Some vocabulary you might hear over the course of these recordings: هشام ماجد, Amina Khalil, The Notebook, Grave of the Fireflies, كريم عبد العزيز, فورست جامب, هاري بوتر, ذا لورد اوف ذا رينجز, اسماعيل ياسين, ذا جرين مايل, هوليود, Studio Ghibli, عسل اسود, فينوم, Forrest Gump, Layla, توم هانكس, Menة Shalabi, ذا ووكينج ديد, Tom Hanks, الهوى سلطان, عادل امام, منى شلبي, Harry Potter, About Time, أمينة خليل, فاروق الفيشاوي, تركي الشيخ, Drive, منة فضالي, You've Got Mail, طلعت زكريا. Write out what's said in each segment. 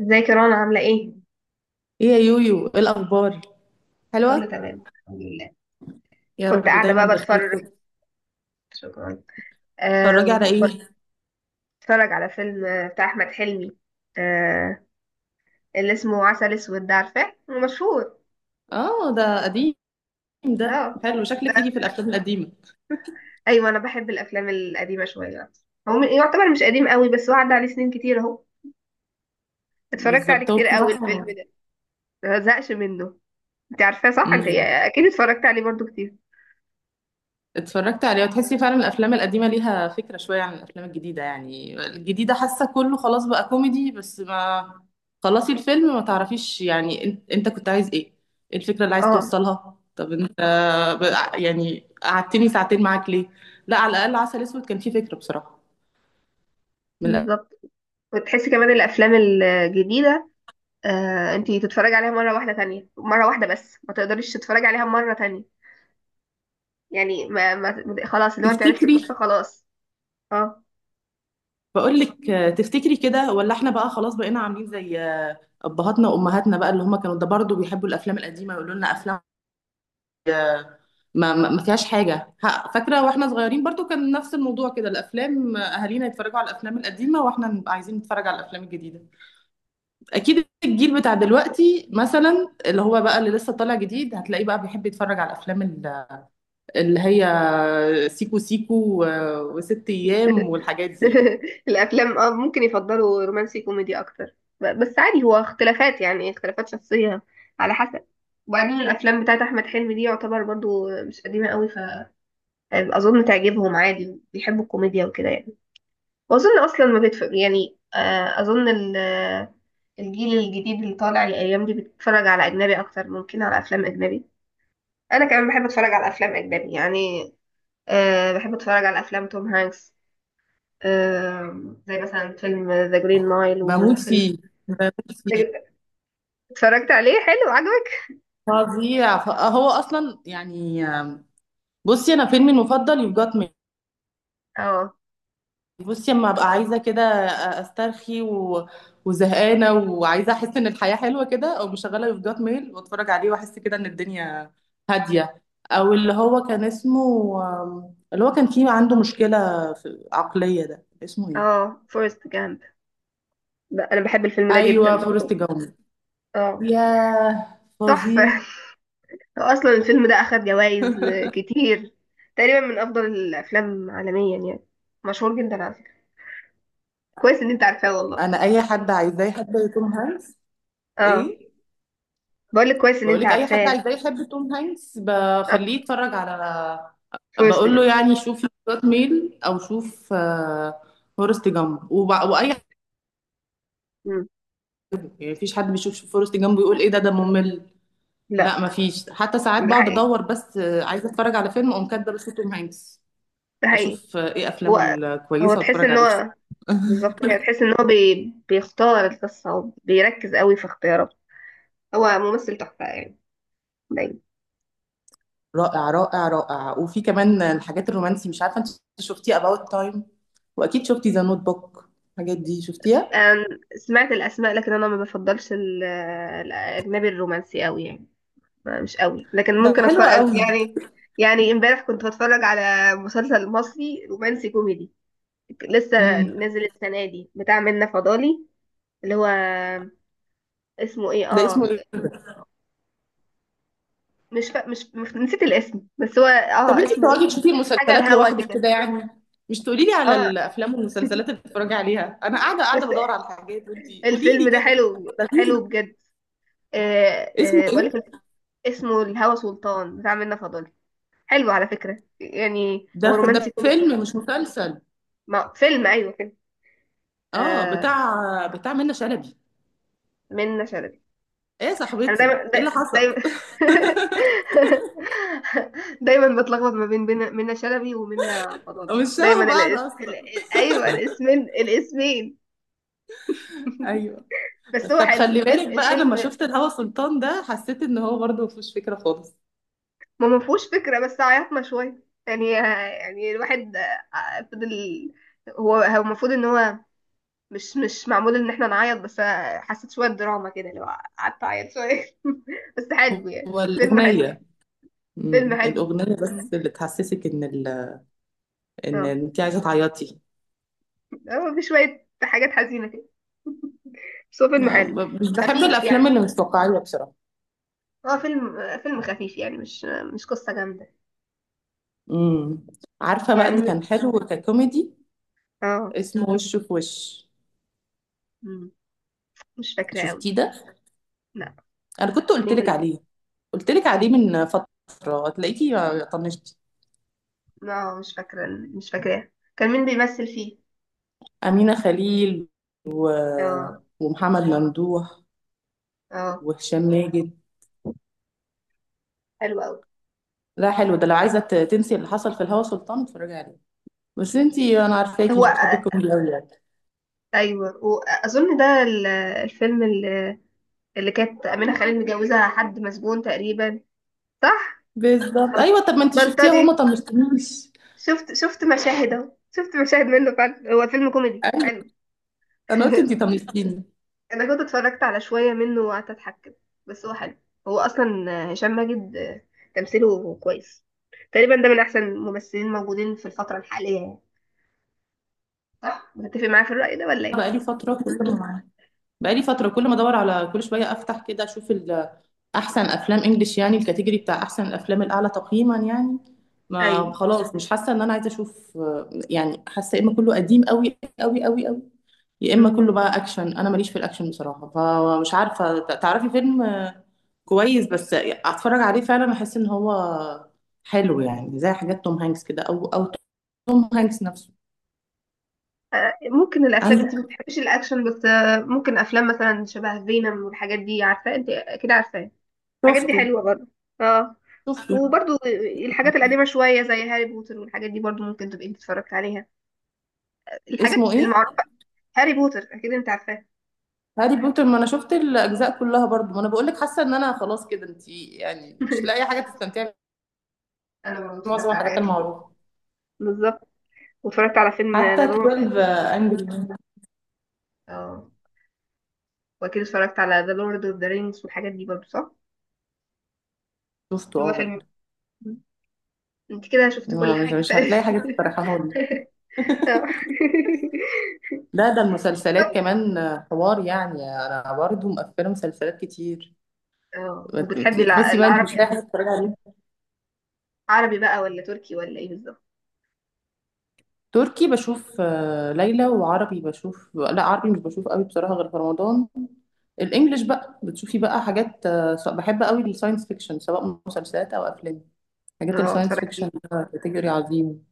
ازيك يا رنا، عاملة ايه؟ ايه يا يويو، ايه الاخبار؟ كله حلوه. تمام الحمد لله. يا كنت رب قاعدة دايما بقى بخير بتفرج. كده. شكرا. اتفرجي على آم، ايه؟ بتفرج على فيلم بتاع أحمد حلمي. آه، اللي اسمه عسل اسود، ده عارفاه؟ هو مشهور. اه، ده قديم. اه ده حلو، شكلك ده ليكي في الافلام القديمه. ايوه، انا بحب الافلام القديمة شوية اكتر. يعتبر مش قديم قوي، بس هو عدى عليه سنين كتير اهو. اتفرجت عليه بالظبط، هو كتير قوي الفيلم بصراحه. ده، ما زهقش منه. انت عارفاه صح؟ انت امم اكيد اتفرجت عليه برضو كتير. اتفرجت عليه وتحسي فعلا الافلام القديمه ليها فكره شويه عن الافلام الجديده. يعني الجديده حاسه كله خلاص بقى كوميدي، بس ما خلصي الفيلم ما تعرفيش يعني انت كنت عايز ايه؟ ايه الفكره اللي عايز اه توصلها؟ طب انت يعني قعدتني ساعتين معاك ليه؟ لا، على الاقل عسل اسود كان فيه فكره بصراحه. من بالظبط. وتحسي كمان الافلام الجديدة، انتي تتفرجي عليها مرة واحدة، تانية مرة واحدة، بس ما تقدريش تتفرجي عليها مرة تانية. يعني خلاص لو انت عرفتي تفتكري؟ القصة خلاص. اه. بقول لك، تفتكري كده؟ ولا احنا بقى خلاص بقينا عاملين زي ابهاتنا وامهاتنا بقى، اللي هم كانوا ده برضه بيحبوا الافلام القديمه يقولوا لنا افلام آه، ما فيهاش حاجه. ها، فاكره واحنا صغيرين برضه كان نفس الموضوع كده، الافلام اهالينا يتفرجوا على الافلام القديمه واحنا نبقى عايزين نتفرج على الافلام الجديده. اكيد الجيل بتاع دلوقتي مثلا، اللي هو بقى اللي لسه طالع جديد، هتلاقيه بقى بيحب يتفرج على الافلام اللي هي سيكو سيكو وست ايام والحاجات دي يعني. الافلام اه ممكن يفضلوا رومانسي كوميدي اكتر. بس عادي، هو اختلافات، يعني اختلافات شخصية على حسب. وبعدين الافلام بتاعت احمد حلمي دي يعتبر برضو مش قديمة قوي، فاظن تعجبهم عادي، بيحبوا الكوميديا وكده يعني. واظن اصلا ما بيتفرج يعني، اظن الجيل الجديد اللي طالع الايام دي بيتفرج على اجنبي اكتر، ممكن على افلام اجنبي. انا كمان بحب اتفرج على افلام اجنبي يعني. أه، بحب اتفرج على افلام توم هانكس. أه، زي مثلا فيلم ذا جرين مايل بموت وفيلم. فيه، بموت فيه. اتفرجت عليه، حلو، عجبك؟ فظيع. فهو اصلا يعني بصي، انا فيلمي المفضل يو جات مي. اه بصي، اما ابقى عايزه كده استرخي و... وزهقانه وعايزه احس ان الحياه حلوه كده، او مشغله يو جات ميل واتفرج عليه واحس كده ان الدنيا هاديه. او اللي هو كان اسمه، اللي هو كان فيه عنده مشكله في عقليه، ده اسمه ايه؟ اه. فورست جامب. انا بحب الفيلم ده ايوه، جدا فورست برضو. جامب. اه، ياه، فظيع. تحفة. هو اصلا الفيلم ده اخد جوائز كتير، تقريبا من افضل الافلام عالميا يعني، مشهور جدا على فكره. كويس ان انت عارفاه والله. انا اي حد عايزاه حد يكون هانس. اه. ايه؟ بقول لك كويس ان انت بقولك اي حد عارفاه. عايزاه يحب توم هانكس بخليه آه. يتفرج على. فورست بقول له جامب. يعني شوف سكوت ميل، او شوف فورست جامب، واي حد. مم. يعني مفيش حد بيشوف فورست جامب ويقول ايه ده ممل. لا، لا. مفيش. حتى ساعات ده بقعد حقيقي، ادور، بس عايزه اتفرج على فيلم اقوم كاتبه بس توم هانكس، ده حقيقي. اشوف ايه افلامه هو هو الكويسه تحس واتفرج ان عليها. هو بالظبط كده، تحس ان هو بيختار القصه وبيركز قوي في اختياراته. هو ممثل تحفه يعني، دايما. رائع، رائع، رائع. وفي كمان الحاجات الرومانسي، مش عارفه انت شفتي اباوت تايم؟ واكيد شفتي ذا نوت بوك، الحاجات دي شفتيها؟ أنا سمعت الاسماء، لكن انا ما بفضلش الاجنبي الرومانسي قوي يعني، مش قوي، لكن ده ممكن حلوة اتفرج قوي. يعني. يعني امبارح كنت بتفرج على مسلسل مصري رومانسي كوميدي، لسه نازل السنة دي، بتاع منة فضالي، اللي هو اسمه ايه؟ ده اه. اسمه إيه ده؟ مش فا... مش مش- نسيت الاسم، بس هو طب اه أنتِ اسمه ايه. بتقعدي تشوفي حاجة المسلسلات الهوا لوحدِك كده. كده يعني، مش تقولي لي على اه، الأفلام والمسلسلات اللي بتتفرجي عليها، أنا قاعدة بس قاعدة بادوّر على حاجات وأنتِ قولي لي الفيلم ده كده. حلو حلو بجد. آه اسمه آه بقولك، إيه؟ اسمه الهوى سلطان، بتاع منة فضالي. حلو على فكرة، يعني ده هو ف رومانسي ده كوميدي. فيلم مش مسلسل؟ ما فيلم، ايوه فيلم. آه، آه. بتاع منة شلبي. منة شلبي. إيه يا انا صاحبتي، دايما إيه اللي دايما حصل؟ دايما بتلخبط ما منى شلبي ومنى فضالي، مش شبه دايما بعض أصلًا. ايوه الاسمين، الاسمين. أيوه. بس هو طب حلو خلّي الفيلم بالِك بقى، أنا لمّا الفيلم شُفت الهوا سلطان ده حسّيت إن هو برضه ما فيهوش فكرة خالص. ما فيهوش فكره، بس عيطنا شويه يعني، يعني الواحد فضل. هو المفروض ان هو مش معمول ان احنا نعيط بس، حسيت شويه دراما كده، اللي هو قعدت اعيط شويه. بس حلو يعني، هو فيلم حلو. الأغنية، فيلم حلو. الأغنية مم. بس اللي تحسّسِك إن إن اه، أنتِ عايزة تعيّطي. هو في شوية حاجات حزينة كده، بس هو فيلم حلو. مش بحب خفيف الافلام يعني، اللي مش واقعيه بصراحه. هو فيلم، فيلم خفيف يعني، مش مش قصة جامدة. امم عارفه بقى يعني اللي كان حلو ككوميدي؟ اه. اسمه وش في وش. مم. مش فاكرة قوي. شفتيه ده؟ لا. انا كنت قلت مين لك عليه قلت لك عليه من فتره، هتلاقيكي طنشتي. اه مش فاكرة، مش فاكراه. كان مين بيمثل فيه؟ امينه خليل و... اه. ومحمد ممدوح، اه. وهشام ماجد. حلو قوي. لا، حلو ده، لو عايزه تنسي اللي حصل في الهوا سلطان اتفرجي عليه. بس انتي، انا عارفاكي هو مش بتحبي الكوميدي قوي يعني. ايوه، واظن ده الفيلم اللي، اللي كانت أمينة خليل متجوزة حد مسجون تقريبا، صح؟ بالظبط، بل- ايوه. طب ما انتي شفتيها؟ هما بلطجي. طنشتنيش، شفت مشاهد اهو، شفت مشاهد منه فعلا، هو فيلم كوميدي ايوه. حلو. انا قلت انتي طنشتيني. انا كنت اتفرجت على شويه منه وقعدت اضحك كده، بس هو حلو. هو اصلا هشام ماجد تمثيله كويس، تقريبا ده من احسن الممثلين موجودين في الفتره الحاليه يعني. صح، متفق معايا في الراي ده ولا ايه؟ بقالي فترة كل ما بقالي فترة كل ما ادور على كل شوية افتح كده اشوف احسن افلام انجلش، يعني الكاتيجوري بتاع احسن الافلام الاعلى تقييما يعني. ما ايوه. خلاص مش حاسة ان انا عايزة اشوف، يعني حاسة يا اما كله قديم قوي قوي قوي قوي، يا اما مهم. كله بقى اكشن، انا ماليش في الاكشن بصراحة. فمش عارفة تعرفي فيلم كويس بس اتفرج عليه فعلا احس ان هو حلو، يعني زي حاجات توم هانكس كده، او توم هانكس نفسه. ممكن الافلام، انت انا ما بتحبيش الاكشن، بس ممكن افلام مثلا شبه فينوم والحاجات دي، عارفاه انت اكيد عارفاه، الحاجات دي شفته، حلوه برضه. اه، شفته. وبرضو الحاجات القديمه شويه، زي هاري بوتر والحاجات دي برضو، ممكن تبقي انت اتفرجت عليها، الحاجات اسمه ايه؟ المعروفه. هاري بوتر اكيد انت عارفاه. هاري بوتر؟ ما انا شفت الاجزاء كلها برضو. ما انا بقول لك حاسه ان انا خلاص كده، انت يعني مش لاقي حاجه تستمتعي انا برضه بمعظم اتفرجت على الحاجات حاجات كتير المعروفه. بالظبط، واتفرجت على فيلم حتى ذا لورد. 12 انجري مان اه، واكيد اتفرجت على ذا لورد اوف ذا رينجز والحاجات دي برضه، صح؟ شفته، اللي هو اه، فيلم. برضو. انت كده شفت كل مش حاجه مش تقريباً. هتلاقي حاجه تفرحها لي. اه. لا، ده المسلسلات طيب. كمان حوار يعني. انا برضو مقفله مسلسلات كتير، اه، وبتحبي تحسي بقى انت العربي؟ مش لاقي حاجه تتفرجي عليها. عربي بقى ولا تركي ولا ايه بالظبط؟ تركي بشوف ليلى، وعربي بشوف، لا عربي مش بشوف قوي بصراحه، غير في رمضان. الانجليش بقى بتشوفي بقى حاجات، بحب قوي الساينس فيكشن سواء مسلسلات او افلام. حاجات اه الساينس اتفرجتي. فيكشن كاتيجوري عظيم.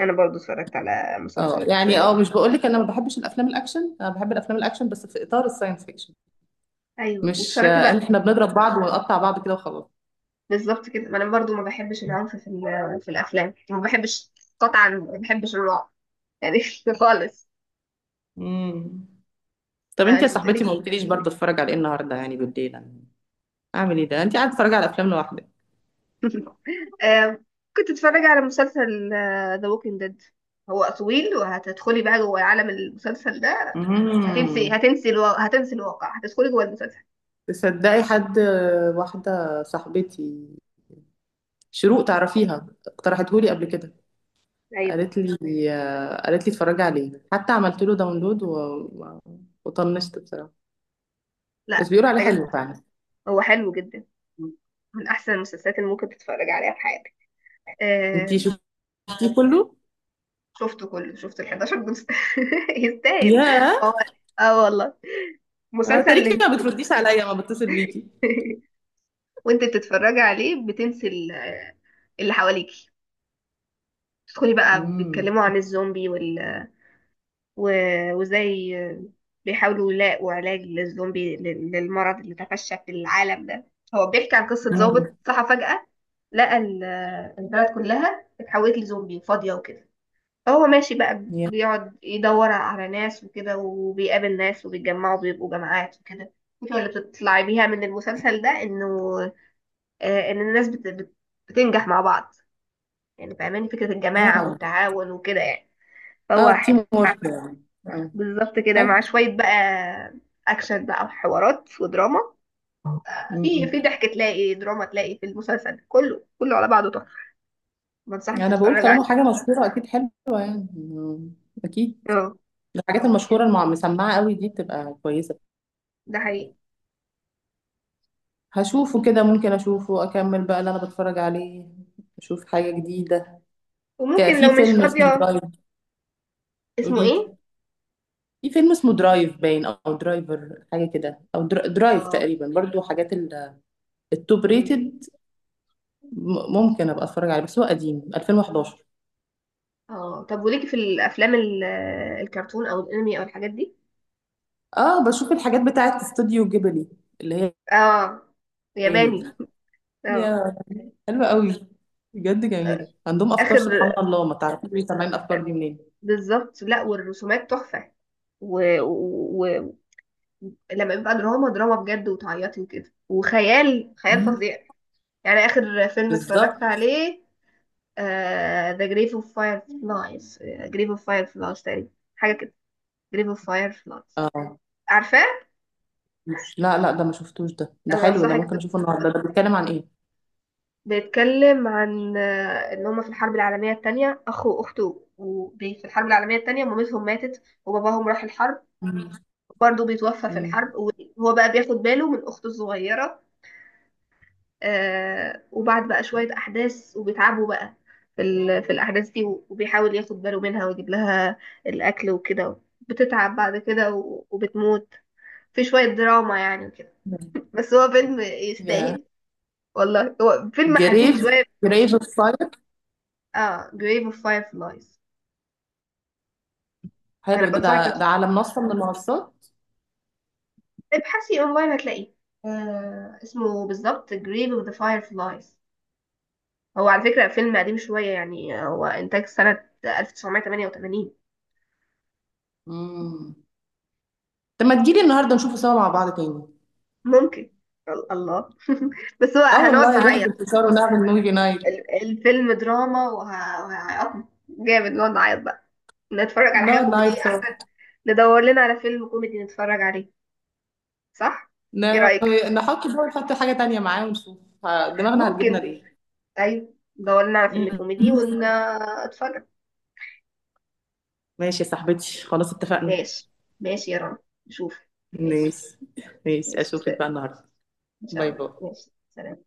انا برضو اتفرجت على اه، مسلسلات. يعني اه مش بقول لك انا ما بحبش الافلام الاكشن، انا بحب الافلام الاكشن بس في اطار الساينس فيكشن. ايوه مش واتفرجتي ان بقى. احنا بنضرب بعض ونقطع بعض كده وخلاص. بالظبط كده، ما انا برضو ما بحبش العنف في في الافلام، ما بحبش. قطعا ما بحبش الرعب يعني. خالص. امم طب ما انت يا انت صاحبتي، ما بتقولي. قلتليش برضه اتفرج على ايه النهارده يعني بالليل؟ أنا اعمل ايه ده؟ انت قاعده تتفرجي على افلام لوحدك. آه، كنت اتفرج على مسلسل ذا ووكينج ديد. هو طويل، وهتدخلي بقى جوه عالم المسلسل ده. هتنسي امم هتنسي الو... هتنسي الواقع، هتدخلي جوه المسلسل. تصدقي حد، واحده صاحبتي شروق، تعرفيها؟ اقترحتهولي قبل كده. ايوه. قالت لي قالت لي اتفرجي عليه، حتى عملت له داونلود و... و- وطنشت بصراحه. بس لا بيقولوا عليه محتاجة. حلو فعلا. هو حلو جدا، من احسن المسلسلات اللي ممكن تتفرج عليها في حياتك. انتي آه، شفتيه كله؟ شفته كله، شفت ال 11 جزء. يستاهل. يا هو اه والله، مسلسل اللي تاريخي، انت، ما بترديش عليا ما بتصل بيكي. وانت بتتفرجي عليه بتنسي اللي حواليكي، تدخلي بقى امم. بيتكلموا عن الزومبي وال وازاي بيحاولوا يلاقوا علاج للزومبي، للمرض اللي تفشى في العالم ده. هو بيحكي عن قصة ضابط أمم. صحى فجأة، لقى البلد كلها اتحولت لزومبي فاضية وكده، فهو ماشي بقى يا، بيقعد يدور على ناس وكده، وبيقابل ناس وبيتجمعوا بيبقوا جماعات وكده. الفكرة اللي بتطلع بيها من المسلسل ده انه ان الناس بتنجح مع بعض، يعني فاهماني فكرة الجماعة اه، والتعاون وكده يعني. فهو اه، تيم حلو. وورك يعني. بالظبط آه. كده، مع حلو. شوية بقى أكشن بقى وحوارات ودراما. في أمم. في ضحك تلاقي، دراما تلاقي، في المسلسل كله كله على بعضه تحفة. بنصحك انا بقول تتفرج طالما عليه. حاجه مشهوره اكيد حلوه يعني. أمم. اكيد اه الحاجات المشهوره المسمعه قوي دي بتبقى كويسه. ده حقيقي. هشوفه كده، ممكن اشوفه اكمل بقى اللي انا بتفرج عليه، اشوف حاجه جديده. وممكن في لو مش فيلم اسمه فاضية. درايف. اسمه قولي لي، ايه؟ في فيلم اسمه درايف باين او درايفر حاجه كده، او درايف اه. تقريبا، برضو حاجات التوب مم. ريتد. ممكن ابقى اتفرج عليه، بس هو قديم، 2011. اه، طب وليكي في الأفلام الكرتون أو الأنمي أو الحاجات دي؟ اه، بشوف الحاجات بتاعت استوديو جيبلي، اللي هي اه. يعني دي. ياباني. اه. يا، حلوه قوي بجد، جميله. عندهم افكار آخر. سبحان الله، ما تعرفيش ليه طالعين الافكار دي منين. بالظبط. لا والرسومات تحفة، ولما و... و... و- لما بيبقى دراما دراما بجد وتعيطي وكده، وخيال خيال مم. فظيع. يعني آخر فيلم اتفرجت بالظبط. عليه The Grave of Fireflies، Grave of Fireflies تقريبا، حاجة كده. Grave of Fireflies. اه، عارفاه؟ لا، لا، ده ما شفتوش ده، ده أنا حلو ده، بنصحك ممكن اشوفه النهارده. ده بيتكلم عن ايه؟ بيتكلم عن إن هما في الحرب العالمية التانية أخ وأخته، في الحرب العالمية التانية مامتهم ماتت، وباباهم راح الحرب مم. برضه بيتوفى في مم. الحرب، وهو بقى بياخد باله من أخته الصغيرة. آه، وبعد بقى شوية أحداث وبيتعبوا بقى في، في الأحداث دي، وبيحاول ياخد باله منها ويجيب لها الأكل وكده، بتتعب بعد كده وبتموت. في شوية دراما يعني وكده، بس هو فيلم يا يستاهل. والله هو فيلم حزين جريف شوية. جريف اوف فاير. اه Grave of Fireflies. أنا حلو ده ده, بنصحك ده تتفرج. على منصة من المنصات. ابحثي أونلاين هتلاقيه. آه اسمه بالظبط Grave of the Fireflies. هو على فكرة فيلم قديم شوية، يعني هو إنتاج سنة 1988. امم طب ما تجيلي النهارده نشوفه سوا مع بعض تاني. ممكن. الله. بس هو اه هنقعد والله، جهز نعيط. الفشار ونعمل موفي نايت. الفيلم دراما، وهيعيطنا جامد، نقعد نعيط بقى. نتفرج على حاجة نقعد نايت كوميدية سوا. أحسن. ندور لنا على فيلم كوميدي نتفرج عليه، صح؟ إيه رأيك؟ نحط بقى، ونحط حاجة تانية معاه ونشوف دماغنا هتجيبنا ممكن. لإيه. أيوة. ندور لنا على فيلم مم. كوميدي ونتفرج. ماشي يا صاحبتي، خلاص اتفقنا. ماشي. ماشي يا رنا. نشوف. ماشي. ماشي، ماشي، ماشي اشوفك سلام. بقى النهارده. إن شاء باي الله، باي. ماشي سلام.